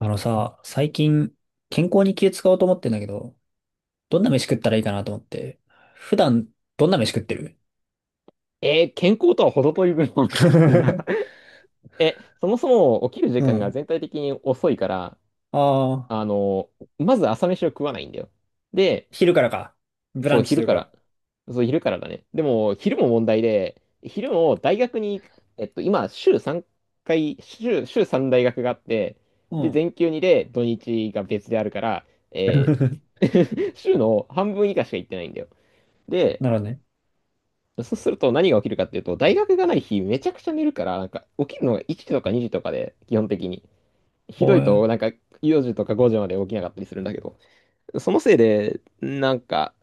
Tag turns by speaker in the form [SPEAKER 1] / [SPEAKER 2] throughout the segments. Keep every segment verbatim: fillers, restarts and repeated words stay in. [SPEAKER 1] あのさ、最近健康に気使おうと思ってんだけど、どんな飯食ったらいいかなと思って、普段どんな飯食ってる？
[SPEAKER 2] えー健康とは程遠い分を食ってるな。 え、そもそも起きる時
[SPEAKER 1] う
[SPEAKER 2] 間が
[SPEAKER 1] ん。
[SPEAKER 2] 全体的に遅いから、
[SPEAKER 1] ああ、
[SPEAKER 2] あの、まず朝飯を食わないんだよ。で、
[SPEAKER 1] 昼からか。ブラ
[SPEAKER 2] そう、
[SPEAKER 1] ンチとい
[SPEAKER 2] 昼
[SPEAKER 1] う
[SPEAKER 2] から。
[SPEAKER 1] か。
[SPEAKER 2] そう、昼からだね。でも、昼も問題で、昼も大学に行く、えっと、今、週さんかい、週、週さん大学があって、
[SPEAKER 1] う
[SPEAKER 2] で、
[SPEAKER 1] ん。
[SPEAKER 2] 全休にで土日が別であるから、えー 週の半分以下しか行ってないんだよ。で、
[SPEAKER 1] なるほどね。
[SPEAKER 2] そうすると何が起きるかっていうと、大学がない日めちゃくちゃ寝るから、なんか起きるのがいちじとかにじとかで、基本的に。ひど
[SPEAKER 1] お
[SPEAKER 2] い
[SPEAKER 1] い。
[SPEAKER 2] と、なんかよじとかごじまで起きなかったりするんだけど、そのせいで、なんか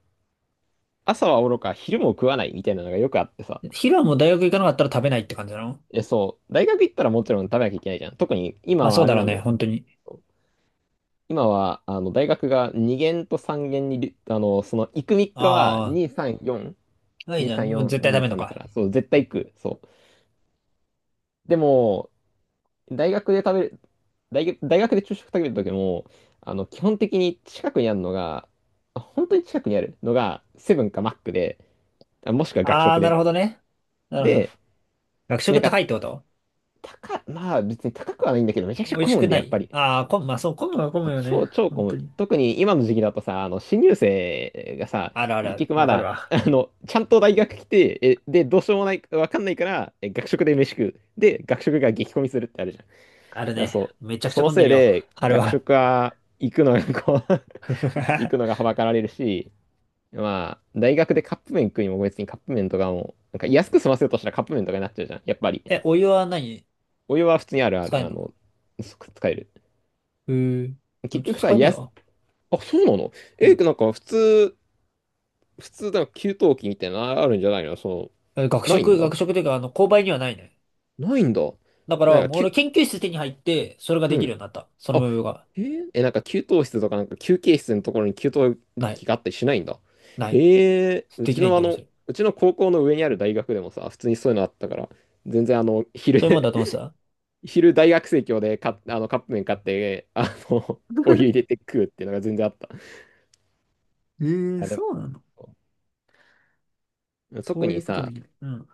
[SPEAKER 2] 朝はおろか昼も食わないみたいなのがよくあってさ。
[SPEAKER 1] 昼はもう大学行かなかったら食べないって感じなの？
[SPEAKER 2] え、そう、大学行ったらもちろん食べなきゃいけないじゃん。特に
[SPEAKER 1] ま
[SPEAKER 2] 今
[SPEAKER 1] あ
[SPEAKER 2] は
[SPEAKER 1] そう
[SPEAKER 2] あれ
[SPEAKER 1] だろう
[SPEAKER 2] なんだ
[SPEAKER 1] ね、
[SPEAKER 2] よ。
[SPEAKER 1] 本当に。
[SPEAKER 2] 今は、あの、大学がにげん限とさんげん限に、あの、その、行くみっかは
[SPEAKER 1] あ
[SPEAKER 2] に、さん、よん、
[SPEAKER 1] あ、いい
[SPEAKER 2] に、
[SPEAKER 1] じゃん。
[SPEAKER 2] さん、
[SPEAKER 1] もう
[SPEAKER 2] よん、
[SPEAKER 1] 絶対食
[SPEAKER 2] に、
[SPEAKER 1] べんの
[SPEAKER 2] さんだか
[SPEAKER 1] か。
[SPEAKER 2] ら、そう、絶対行く。そう。でも、大学で食べる、大学、大学で昼食食べるときも、あの、基本的に近くにあるのが、あ本当に近くにあるのが、セブンかマックで、あもしくは学
[SPEAKER 1] ああ、
[SPEAKER 2] 食
[SPEAKER 1] なる
[SPEAKER 2] で。
[SPEAKER 1] ほどね。なるほど。
[SPEAKER 2] で、
[SPEAKER 1] 学
[SPEAKER 2] な
[SPEAKER 1] 食
[SPEAKER 2] んか、
[SPEAKER 1] 高いってこと？
[SPEAKER 2] 高、まあ別に高くはないんだけど、めちゃくちゃ
[SPEAKER 1] 美味
[SPEAKER 2] 混
[SPEAKER 1] し
[SPEAKER 2] む
[SPEAKER 1] く
[SPEAKER 2] んで、
[SPEAKER 1] な
[SPEAKER 2] やっ
[SPEAKER 1] い？
[SPEAKER 2] ぱり。
[SPEAKER 1] ああー、混む、まあそう、混むは混むよね。
[SPEAKER 2] 超、超
[SPEAKER 1] 本
[SPEAKER 2] 混
[SPEAKER 1] 当
[SPEAKER 2] む。
[SPEAKER 1] に。
[SPEAKER 2] 特に今の時期だとさ、あの、新入生がさ、
[SPEAKER 1] あるある
[SPEAKER 2] 結
[SPEAKER 1] ある。
[SPEAKER 2] 局
[SPEAKER 1] わ
[SPEAKER 2] ま
[SPEAKER 1] かる
[SPEAKER 2] だ、
[SPEAKER 1] わ。
[SPEAKER 2] あの、ちゃんと大学来て、え、で、どうしようもない、わかんないから、え、学食で飯食う。で、学食が激混みするってあるじゃ
[SPEAKER 1] ある
[SPEAKER 2] ん。や、
[SPEAKER 1] ね。
[SPEAKER 2] そ
[SPEAKER 1] めちゃ
[SPEAKER 2] う。
[SPEAKER 1] くち
[SPEAKER 2] そ
[SPEAKER 1] ゃ
[SPEAKER 2] の
[SPEAKER 1] 混んで
[SPEAKER 2] せい
[SPEAKER 1] るよ。
[SPEAKER 2] で、
[SPEAKER 1] あれ
[SPEAKER 2] 学
[SPEAKER 1] は。
[SPEAKER 2] 食は行くのが、こう 行くのがは ばかられるし、まあ、大学でカップ麺食いにも別にカップ麺とかも、なんか安く済ませようとしたらカップ麺とかになっちゃうじゃん。やっぱり。
[SPEAKER 1] え、お湯は何
[SPEAKER 2] お湯は普通にあるあ
[SPEAKER 1] 使え
[SPEAKER 2] る、
[SPEAKER 1] ん
[SPEAKER 2] あ
[SPEAKER 1] の？
[SPEAKER 2] の、す使える。
[SPEAKER 1] うー。
[SPEAKER 2] 結
[SPEAKER 1] うち
[SPEAKER 2] 局さ、
[SPEAKER 1] 使えねえ
[SPEAKER 2] 安、
[SPEAKER 1] わ。
[SPEAKER 2] あ、そうなの？
[SPEAKER 1] う
[SPEAKER 2] え、
[SPEAKER 1] ん。
[SPEAKER 2] なんか普通、普通、なんか給湯器みたいなのあるんじゃないの？その、
[SPEAKER 1] え、学
[SPEAKER 2] ないん
[SPEAKER 1] 食、
[SPEAKER 2] だ。
[SPEAKER 1] 学食というか、あの、購買にはないね。
[SPEAKER 2] ないんだ。
[SPEAKER 1] だか
[SPEAKER 2] なん
[SPEAKER 1] ら、
[SPEAKER 2] か、
[SPEAKER 1] もう
[SPEAKER 2] き
[SPEAKER 1] 俺
[SPEAKER 2] ゅ、
[SPEAKER 1] 研究室手に入って、それがで
[SPEAKER 2] う
[SPEAKER 1] きる
[SPEAKER 2] ん。
[SPEAKER 1] ようになった。その
[SPEAKER 2] あ、
[SPEAKER 1] 部分が。
[SPEAKER 2] えー、え、なんか給湯室とかなんか休憩室のところに給湯
[SPEAKER 1] ない。
[SPEAKER 2] 器があったりしないんだ。
[SPEAKER 1] ない。
[SPEAKER 2] へえ、う
[SPEAKER 1] でき
[SPEAKER 2] ち
[SPEAKER 1] ないん
[SPEAKER 2] の
[SPEAKER 1] だ
[SPEAKER 2] あ
[SPEAKER 1] よね、そ
[SPEAKER 2] の、
[SPEAKER 1] れ。そ
[SPEAKER 2] うちの高校の上にある大学でもさ、普通にそういうのあったから、全然あの、昼
[SPEAKER 1] ういうもんだと思ってた。
[SPEAKER 2] 昼大学生協でか、あの、カップ麺買って、あの、お湯入れて 食うっていうのが全然あった。
[SPEAKER 1] えー、
[SPEAKER 2] あ、で
[SPEAKER 1] そうなの？
[SPEAKER 2] も、
[SPEAKER 1] そ
[SPEAKER 2] 特
[SPEAKER 1] うい
[SPEAKER 2] に
[SPEAKER 1] うことで
[SPEAKER 2] さ、
[SPEAKER 1] きない。うん。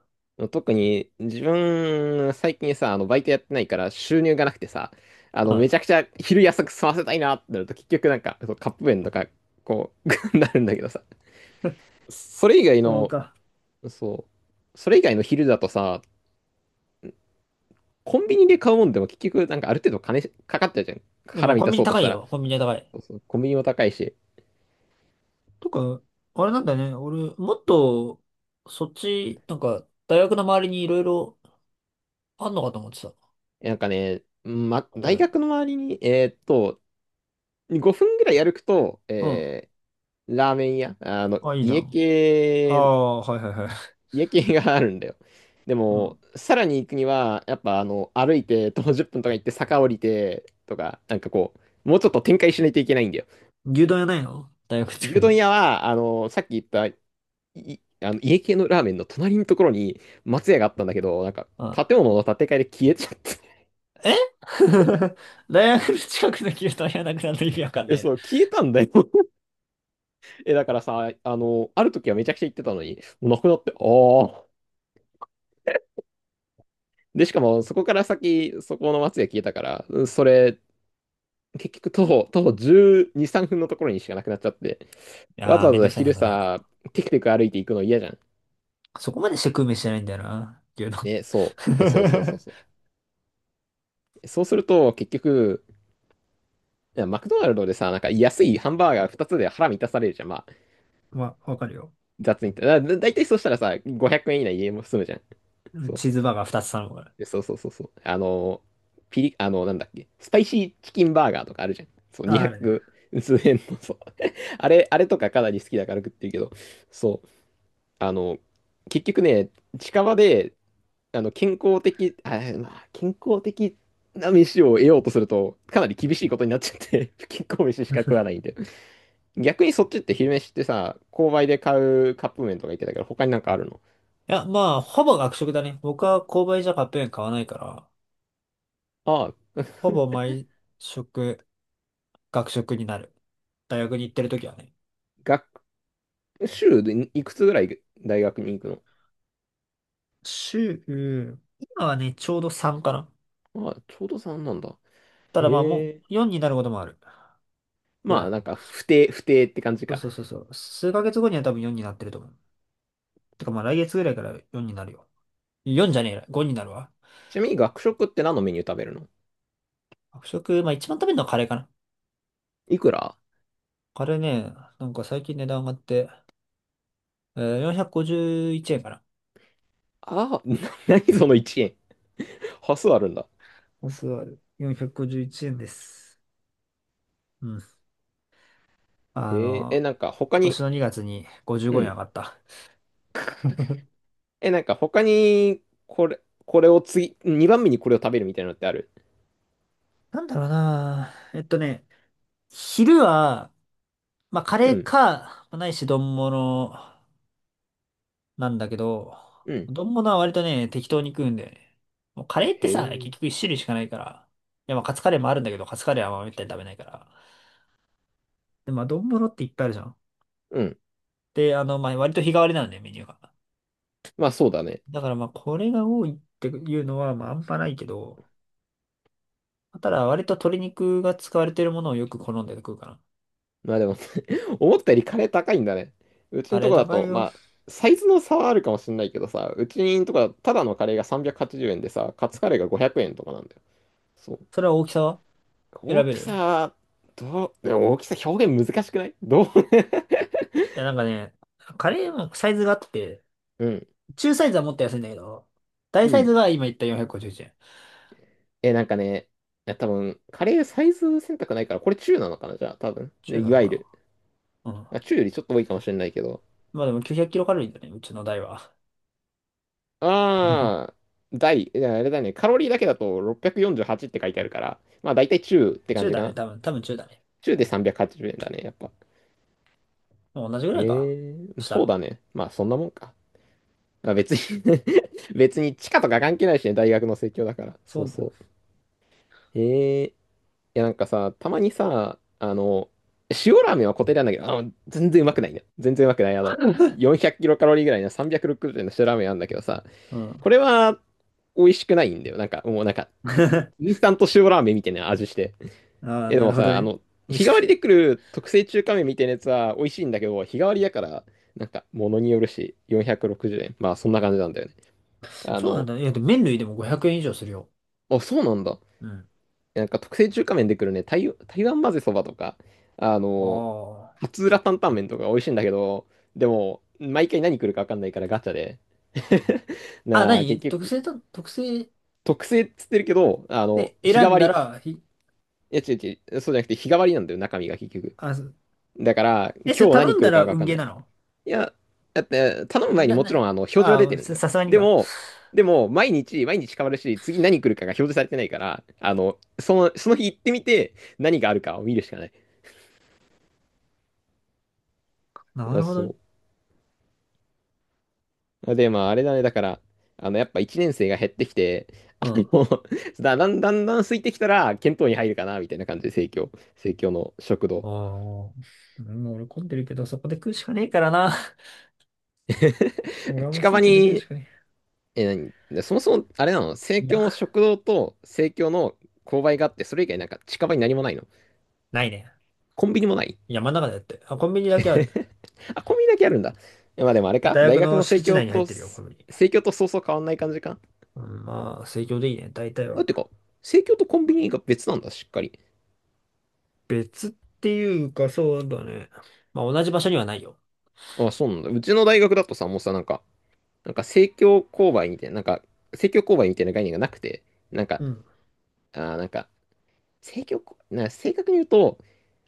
[SPEAKER 2] 特に自分、最近さ、あの、バイトやってないから収入がなくてさ、あ
[SPEAKER 1] う
[SPEAKER 2] の、
[SPEAKER 1] ん。
[SPEAKER 2] めちゃくちゃ昼安く済ませたいなってなると結局なんか、そうカップ麺とか、こう、なるんだけどさ、それ以外
[SPEAKER 1] そう
[SPEAKER 2] の、
[SPEAKER 1] か。
[SPEAKER 2] そう、それ以外の昼だとさ、コンビニで買うもんでも結局なんかある程度金かかっちゃうじゃん。
[SPEAKER 1] でも
[SPEAKER 2] 腹満
[SPEAKER 1] コン
[SPEAKER 2] た
[SPEAKER 1] ビニ
[SPEAKER 2] そうとし
[SPEAKER 1] 高い
[SPEAKER 2] たら。
[SPEAKER 1] よ。コンビニは高い。
[SPEAKER 2] そうそう、コンビニも高いし。
[SPEAKER 1] とか、あれなんだね。俺、もっと、そっち、なんか、大学の周りにいろいろあんのかと思ってた。
[SPEAKER 2] なんかね、ま、大
[SPEAKER 1] で、
[SPEAKER 2] 学の周りに、えーっと、ごふんぐらい歩くと、
[SPEAKER 1] うん。
[SPEAKER 2] えーラーメン屋、あの、
[SPEAKER 1] あ、いいじゃ
[SPEAKER 2] 家
[SPEAKER 1] ん。あ
[SPEAKER 2] 系
[SPEAKER 1] あ、はいはいはい。
[SPEAKER 2] 家系があるんだよ。で
[SPEAKER 1] う
[SPEAKER 2] も、
[SPEAKER 1] ん。
[SPEAKER 2] さらに行くには、やっぱあの、歩いて徒歩じゅっぷんとか行って坂降りてとか、なんかこう、もうちょっと展開しないといけないんだよ。
[SPEAKER 1] 牛丼屋ないの大学近く
[SPEAKER 2] 牛丼
[SPEAKER 1] に？
[SPEAKER 2] 屋は、あの、さっき言った、い、あの、家系のラーメンの隣のところに松屋があったんだけど、なんか、
[SPEAKER 1] あ、
[SPEAKER 2] 建物の建て替えで消えちゃって。
[SPEAKER 1] え 大学の近くの牛丼屋なくなるの意味わか んな
[SPEAKER 2] え、
[SPEAKER 1] いな。
[SPEAKER 2] そ
[SPEAKER 1] い
[SPEAKER 2] う、消えたんだよ。え、だからさ、あの、ある時はめちゃくちゃ行ってたのに、もうなくなって、ああ。で、しかも、そこから先、そこの松屋消えたから、それ、結局徒歩、徒歩じゅうに、さんぷんのところにしかなくなっちゃって、わ
[SPEAKER 1] やー、
[SPEAKER 2] ざわ
[SPEAKER 1] めんど
[SPEAKER 2] ざ
[SPEAKER 1] くさいな、
[SPEAKER 2] 昼
[SPEAKER 1] そ
[SPEAKER 2] さ、
[SPEAKER 1] ら。
[SPEAKER 2] テクテク歩いていくの嫌じゃん。
[SPEAKER 1] そこまでして食う飯じゃないんだよな、牛丼。
[SPEAKER 2] ね、そう。そうそうそう そう。そうすると、結局、いやマクドナルドでさ、なんか安いハンバーガーふたつで腹満たされるじゃん。まあ、
[SPEAKER 1] まあ、わかるよ。
[SPEAKER 2] 雑に言ったら。だ、だいたいそうしたらさ、ごひゃくえん以内家も済むじゃん。
[SPEAKER 1] うん。
[SPEAKER 2] そう。
[SPEAKER 1] チーズバーガーふたつ頼むから。
[SPEAKER 2] でそうそうそうそう。あの、ピリ、あの、なんだっけ、スパイシーチキンバーガーとかあるじゃん。そう、
[SPEAKER 1] あ、あるね。
[SPEAKER 2] にひゃく数円の、そう。あれ、あれとかかなり好きだから食ってるけど、そう。あの、結局ね、近場で、あの、健康的、あ、まあ、健康的な飯を得ようとすると、かなり厳しいことになっちゃって、不健康飯しか食わないんで。逆にそっちって昼飯ってさ、購買で買うカップ麺とか言ってたけど、他になんかあるの？
[SPEAKER 1] いや、まあ、ほぼ学食だね。僕は購買じゃカップ麺買わないから、
[SPEAKER 2] ああ、
[SPEAKER 1] ほぼ 毎食、学食になる。大学に行ってる時はね。
[SPEAKER 2] 学、週でいくつぐらい大学に行く
[SPEAKER 1] 週、今はね、ちょうどさんかな。
[SPEAKER 2] の？ああ、ちょうどさんなんだ。
[SPEAKER 1] ただまあも
[SPEAKER 2] へえ。
[SPEAKER 1] うよんになることもあるぐら
[SPEAKER 2] まあ、
[SPEAKER 1] い。
[SPEAKER 2] なんか、不定、不定って感じ
[SPEAKER 1] そう
[SPEAKER 2] か。
[SPEAKER 1] そうそうそう。数ヶ月後には多分よんになってると思う。てかまあ来月ぐらいからよんになるよ。よんじゃねえや、ごになるわ。
[SPEAKER 2] ちなみに学食って何のメニュー食べるの？
[SPEAKER 1] 学食、まあ一番食べるのはカレーかな。
[SPEAKER 2] いくら？
[SPEAKER 1] カレーね、なんか最近値段上がって、えー、よんひゃくごじゅういちえんかな。
[SPEAKER 2] ああ、な何そのいちえん？端数あるんだ。
[SPEAKER 1] お座る。よんひゃくごじゅういちえんです。うん。あ
[SPEAKER 2] へえ、え、
[SPEAKER 1] の、
[SPEAKER 2] なんか他
[SPEAKER 1] 今年
[SPEAKER 2] に、
[SPEAKER 1] のにがつに55
[SPEAKER 2] う
[SPEAKER 1] 円上
[SPEAKER 2] ん。
[SPEAKER 1] がった。
[SPEAKER 2] え、なんか他に、これ、これを次、にばんめにこれを食べるみたいなのってある？
[SPEAKER 1] なんだろうな。えっとね、昼は、まあ、カ
[SPEAKER 2] う
[SPEAKER 1] レー
[SPEAKER 2] ん、
[SPEAKER 1] か、まあないし、丼物なんだけど、
[SPEAKER 2] うん。
[SPEAKER 1] 丼物は割とね、適当に食うんだよね。もうカレーって
[SPEAKER 2] へ
[SPEAKER 1] さ、結
[SPEAKER 2] え、
[SPEAKER 1] 局一種類しかないから。いや、まあ、カツカレーもあるんだけど、カツカレーはまあめったに食べないから。で、まあ、丼物っていっぱいあるじゃん。
[SPEAKER 2] うん。
[SPEAKER 1] で、あの、まあ、割と日替わりなんだよ、メニューが。
[SPEAKER 2] まあそうだね。
[SPEAKER 1] だからまあ、これが多いっていうのは、まあ、あんまないけど、ただ、割と鶏肉が使われてるものをよく好んで食うかな。
[SPEAKER 2] まあでも 思ったよりカレー高いんだね。うち
[SPEAKER 1] カ
[SPEAKER 2] の
[SPEAKER 1] レ
[SPEAKER 2] と
[SPEAKER 1] ー
[SPEAKER 2] こだ
[SPEAKER 1] 高い
[SPEAKER 2] と、
[SPEAKER 1] よ。
[SPEAKER 2] まあ、サイズの差はあるかもしれないけどさ、うちのとこだとただのカレーがさんびゃくはちじゅうえんでさ、カツカレーがごひゃくえんとかなんだよ。そう。
[SPEAKER 1] それは大きさは選
[SPEAKER 2] 大
[SPEAKER 1] べ
[SPEAKER 2] き
[SPEAKER 1] る？
[SPEAKER 2] さ、どう、でも大きさ表現難しくない？どう？
[SPEAKER 1] いや、なんかね、カレーもサイズがあって、
[SPEAKER 2] うん、
[SPEAKER 1] 中サイズはもっと安いんだけど、大
[SPEAKER 2] う
[SPEAKER 1] サイズ
[SPEAKER 2] ん。
[SPEAKER 1] が今言ったよんひゃくごじゅういちえん。
[SPEAKER 2] え、なんかね、いや多分、カレーサイズ選択ないから、これ中なのかな？じゃあ、多分。ね、
[SPEAKER 1] 中な
[SPEAKER 2] い
[SPEAKER 1] の
[SPEAKER 2] わ
[SPEAKER 1] か
[SPEAKER 2] ゆる。
[SPEAKER 1] な？うん。
[SPEAKER 2] あ、中よりちょっと多いかもしれないけど。
[SPEAKER 1] まあでもきゅうひゃくキロカロリーだね、うちの台は。
[SPEAKER 2] あー、大、いやあれだね、カロリーだけだとろっぴゃくよんじゅうはちっぴゃくよんじゅうはちって書いてあるから、まあ大体中って感
[SPEAKER 1] 中
[SPEAKER 2] じか
[SPEAKER 1] だね、
[SPEAKER 2] な。
[SPEAKER 1] 多分、多分中だね。
[SPEAKER 2] 中でさんびゃくはちじゅうえんだね、やっぱ。
[SPEAKER 1] もう同じぐらいか。
[SPEAKER 2] えー、
[SPEAKER 1] した
[SPEAKER 2] そうだ
[SPEAKER 1] ら。
[SPEAKER 2] ね。まあそんなもんか。まあ、別に 別に地価とか関係ないしね、大学の生協だから。
[SPEAKER 1] そ
[SPEAKER 2] そ
[SPEAKER 1] う
[SPEAKER 2] う
[SPEAKER 1] ね。
[SPEAKER 2] そう。えーいや、なんかさ、たまにさ、あの、塩ラーメンは固定なんだけど、あの、全然うまくないね。全然うまくない。あの、よんひゃくキロカロリーぐらいのさんびゃくろくじゅうえんの塩ラーメンあるんだけどさ、
[SPEAKER 1] う
[SPEAKER 2] こ
[SPEAKER 1] ん。
[SPEAKER 2] れは美味しくないんだよ。なんか、もうなんか、インスタント塩ラーメンみたいな味して。
[SPEAKER 1] ああ、
[SPEAKER 2] え、で
[SPEAKER 1] な
[SPEAKER 2] も
[SPEAKER 1] るほど
[SPEAKER 2] さ、あ
[SPEAKER 1] ね。
[SPEAKER 2] の、
[SPEAKER 1] 美味
[SPEAKER 2] 日
[SPEAKER 1] し
[SPEAKER 2] 替
[SPEAKER 1] く
[SPEAKER 2] わ
[SPEAKER 1] な
[SPEAKER 2] り
[SPEAKER 1] い？
[SPEAKER 2] で来る特製中華麺みたいなやつは美味しいんだけど、日替わりだから、なんか、物によるし、よんひゃくろくじゅうえん。まあ、そんな感じなんだよね。あ
[SPEAKER 1] そうなん
[SPEAKER 2] の、
[SPEAKER 1] だね。いや、でも麺類でもごひゃくえん以上するよ。
[SPEAKER 2] あ、そうなんだ。
[SPEAKER 1] うん。
[SPEAKER 2] なんか特製中華麺で来るね、台、台湾混ぜそばとか、あの、
[SPEAKER 1] あ
[SPEAKER 2] 松浦担々麺とか美味しいんだけど、でも、毎回何来るか分かんないからガチャで。
[SPEAKER 1] あ。あ、
[SPEAKER 2] なあ、
[SPEAKER 1] 何
[SPEAKER 2] 結
[SPEAKER 1] 特
[SPEAKER 2] 局、
[SPEAKER 1] 製と、特製
[SPEAKER 2] 特製っつってるけど、あの、
[SPEAKER 1] で
[SPEAKER 2] 日替
[SPEAKER 1] 選ん
[SPEAKER 2] わ
[SPEAKER 1] だ
[SPEAKER 2] り。い
[SPEAKER 1] ら、ひ
[SPEAKER 2] や、違う違う、そうじゃなくて日替わりなんだよ、中身が結局。
[SPEAKER 1] あ、す
[SPEAKER 2] だから、
[SPEAKER 1] え、それ
[SPEAKER 2] 今日
[SPEAKER 1] 頼
[SPEAKER 2] 何
[SPEAKER 1] ん
[SPEAKER 2] 来
[SPEAKER 1] だ
[SPEAKER 2] るか
[SPEAKER 1] ら
[SPEAKER 2] 分
[SPEAKER 1] 運
[SPEAKER 2] かん
[SPEAKER 1] ゲー
[SPEAKER 2] ない。
[SPEAKER 1] なの？
[SPEAKER 2] いや、だって、頼む前に
[SPEAKER 1] な、
[SPEAKER 2] も
[SPEAKER 1] な、
[SPEAKER 2] ちろん、あの、表示は出
[SPEAKER 1] あ
[SPEAKER 2] て
[SPEAKER 1] あ、
[SPEAKER 2] るん
[SPEAKER 1] さ
[SPEAKER 2] だよ。
[SPEAKER 1] さすがに
[SPEAKER 2] で
[SPEAKER 1] か。
[SPEAKER 2] も、でも、毎日、毎日変わるし、次何来るかが表示されてないから、あの、その、その日行ってみて、何があるかを見るしかない。
[SPEAKER 1] な
[SPEAKER 2] あ、
[SPEAKER 1] るほどね。
[SPEAKER 2] そう。あで、まあ、あれだね。だから、あの、やっぱいちねん生が減ってきて、
[SPEAKER 1] う
[SPEAKER 2] あ
[SPEAKER 1] ん。
[SPEAKER 2] の、だ、だんだんだん空いてきたら、検討に入るかな、みたいな感じで、生協、生協の食堂。
[SPEAKER 1] ああ、もう俺混んでるけど、そこで食うしかねえからな。俺 はもう
[SPEAKER 2] 近場
[SPEAKER 1] 生協で食う
[SPEAKER 2] に、
[SPEAKER 1] しかね
[SPEAKER 2] え、何でそもそも、あれなの？生
[SPEAKER 1] え。いや、
[SPEAKER 2] 協の食堂と生協の購買があって、それ以外なんか近場に何もないの？
[SPEAKER 1] ないね。
[SPEAKER 2] コンビニもない？
[SPEAKER 1] 山の中でやって。あ、コンビニだけある。
[SPEAKER 2] あ、コンビニだけあるんだ。えまあでもあれか
[SPEAKER 1] 大
[SPEAKER 2] 大
[SPEAKER 1] 学
[SPEAKER 2] 学
[SPEAKER 1] の
[SPEAKER 2] の
[SPEAKER 1] 敷
[SPEAKER 2] 生
[SPEAKER 1] 地
[SPEAKER 2] 協
[SPEAKER 1] 内に入っ
[SPEAKER 2] と、
[SPEAKER 1] てるよ、コンビニ。
[SPEAKER 2] 生協とそうそう変わんない感じか。
[SPEAKER 1] うん、まあ、生協でいいね、大体
[SPEAKER 2] だ
[SPEAKER 1] は。
[SPEAKER 2] ってか、生協とコンビニが別なんだ、しっかり。
[SPEAKER 1] 別っていうか、そうだね。まあ、同じ場所にはないよ。
[SPEAKER 2] あ、そうなんだ。うちの大学だとさ、もうさ、なんか、なんか、正教勾配みたいな、なんか、正教勾配みたいな概念がなくて、なんか、
[SPEAKER 1] うん。
[SPEAKER 2] あー、なんか、正教こ、な、正確に言うと、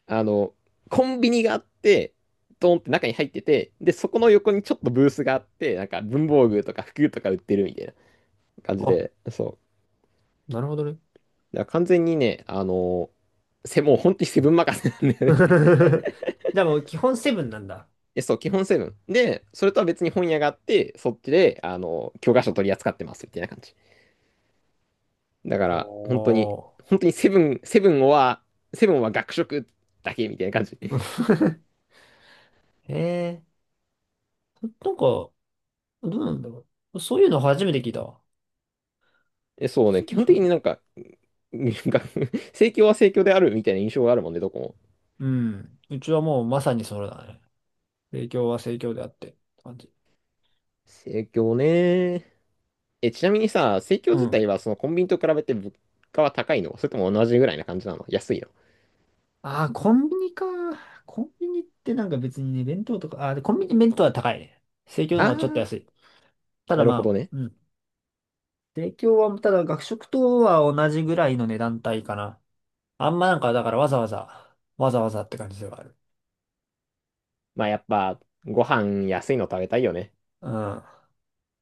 [SPEAKER 2] あの、コンビニがあって、ドーンって中に入ってて、で、そこの横にちょっとブースがあって、なんか文房具とか服とか売ってるみたいな感じ
[SPEAKER 1] あ、
[SPEAKER 2] で、そ
[SPEAKER 1] なるほどね。
[SPEAKER 2] う。だから完全にね、あの、せ、もう本当にセブン任せなんだよね。
[SPEAKER 1] でも、基本セブンなんだ。
[SPEAKER 2] え、そう、基本セブン。で、それとは別に本屋があって、そっちで、あの、教科書取り扱ってますみたいな感じ。だから、本当に、
[SPEAKER 1] おー。
[SPEAKER 2] 本当にセブン、セブンは、セブンは学食だけみたいな感じ。
[SPEAKER 1] へえー。なんか、どうなんだろう。そういうの初めて聞いたわ。
[SPEAKER 2] え、そうね、
[SPEAKER 1] そ
[SPEAKER 2] 基本
[SPEAKER 1] そ
[SPEAKER 2] 的になんか、なんか 盛況は盛況であるみたいな印象があるもんね、どこも。
[SPEAKER 1] うん。うちはもうまさにそれだね。生協は生協であって、感じ。
[SPEAKER 2] 盛況ね。え、ちなみにさ、盛況
[SPEAKER 1] う
[SPEAKER 2] 自
[SPEAKER 1] ん。
[SPEAKER 2] 体はそのコンビニと比べて物価は高いの？それとも同じぐらいな感じなの？安いの？
[SPEAKER 1] ああ、コンビニか。コンビニってなんか別にね、弁当とか、ああ、でコンビニ弁当は高いね。生協
[SPEAKER 2] あ
[SPEAKER 1] の方がちょっと
[SPEAKER 2] ー、
[SPEAKER 1] 安い。ただ
[SPEAKER 2] なるほ
[SPEAKER 1] ま
[SPEAKER 2] ど
[SPEAKER 1] あ、
[SPEAKER 2] ね。
[SPEAKER 1] うん。生協は、ただ学食とは同じぐらいの値段帯かな。あんまなんか、だからわざわざ、わざわざって感じではある。
[SPEAKER 2] まあやっぱ、ご飯安いの食べたいよね。
[SPEAKER 1] うん。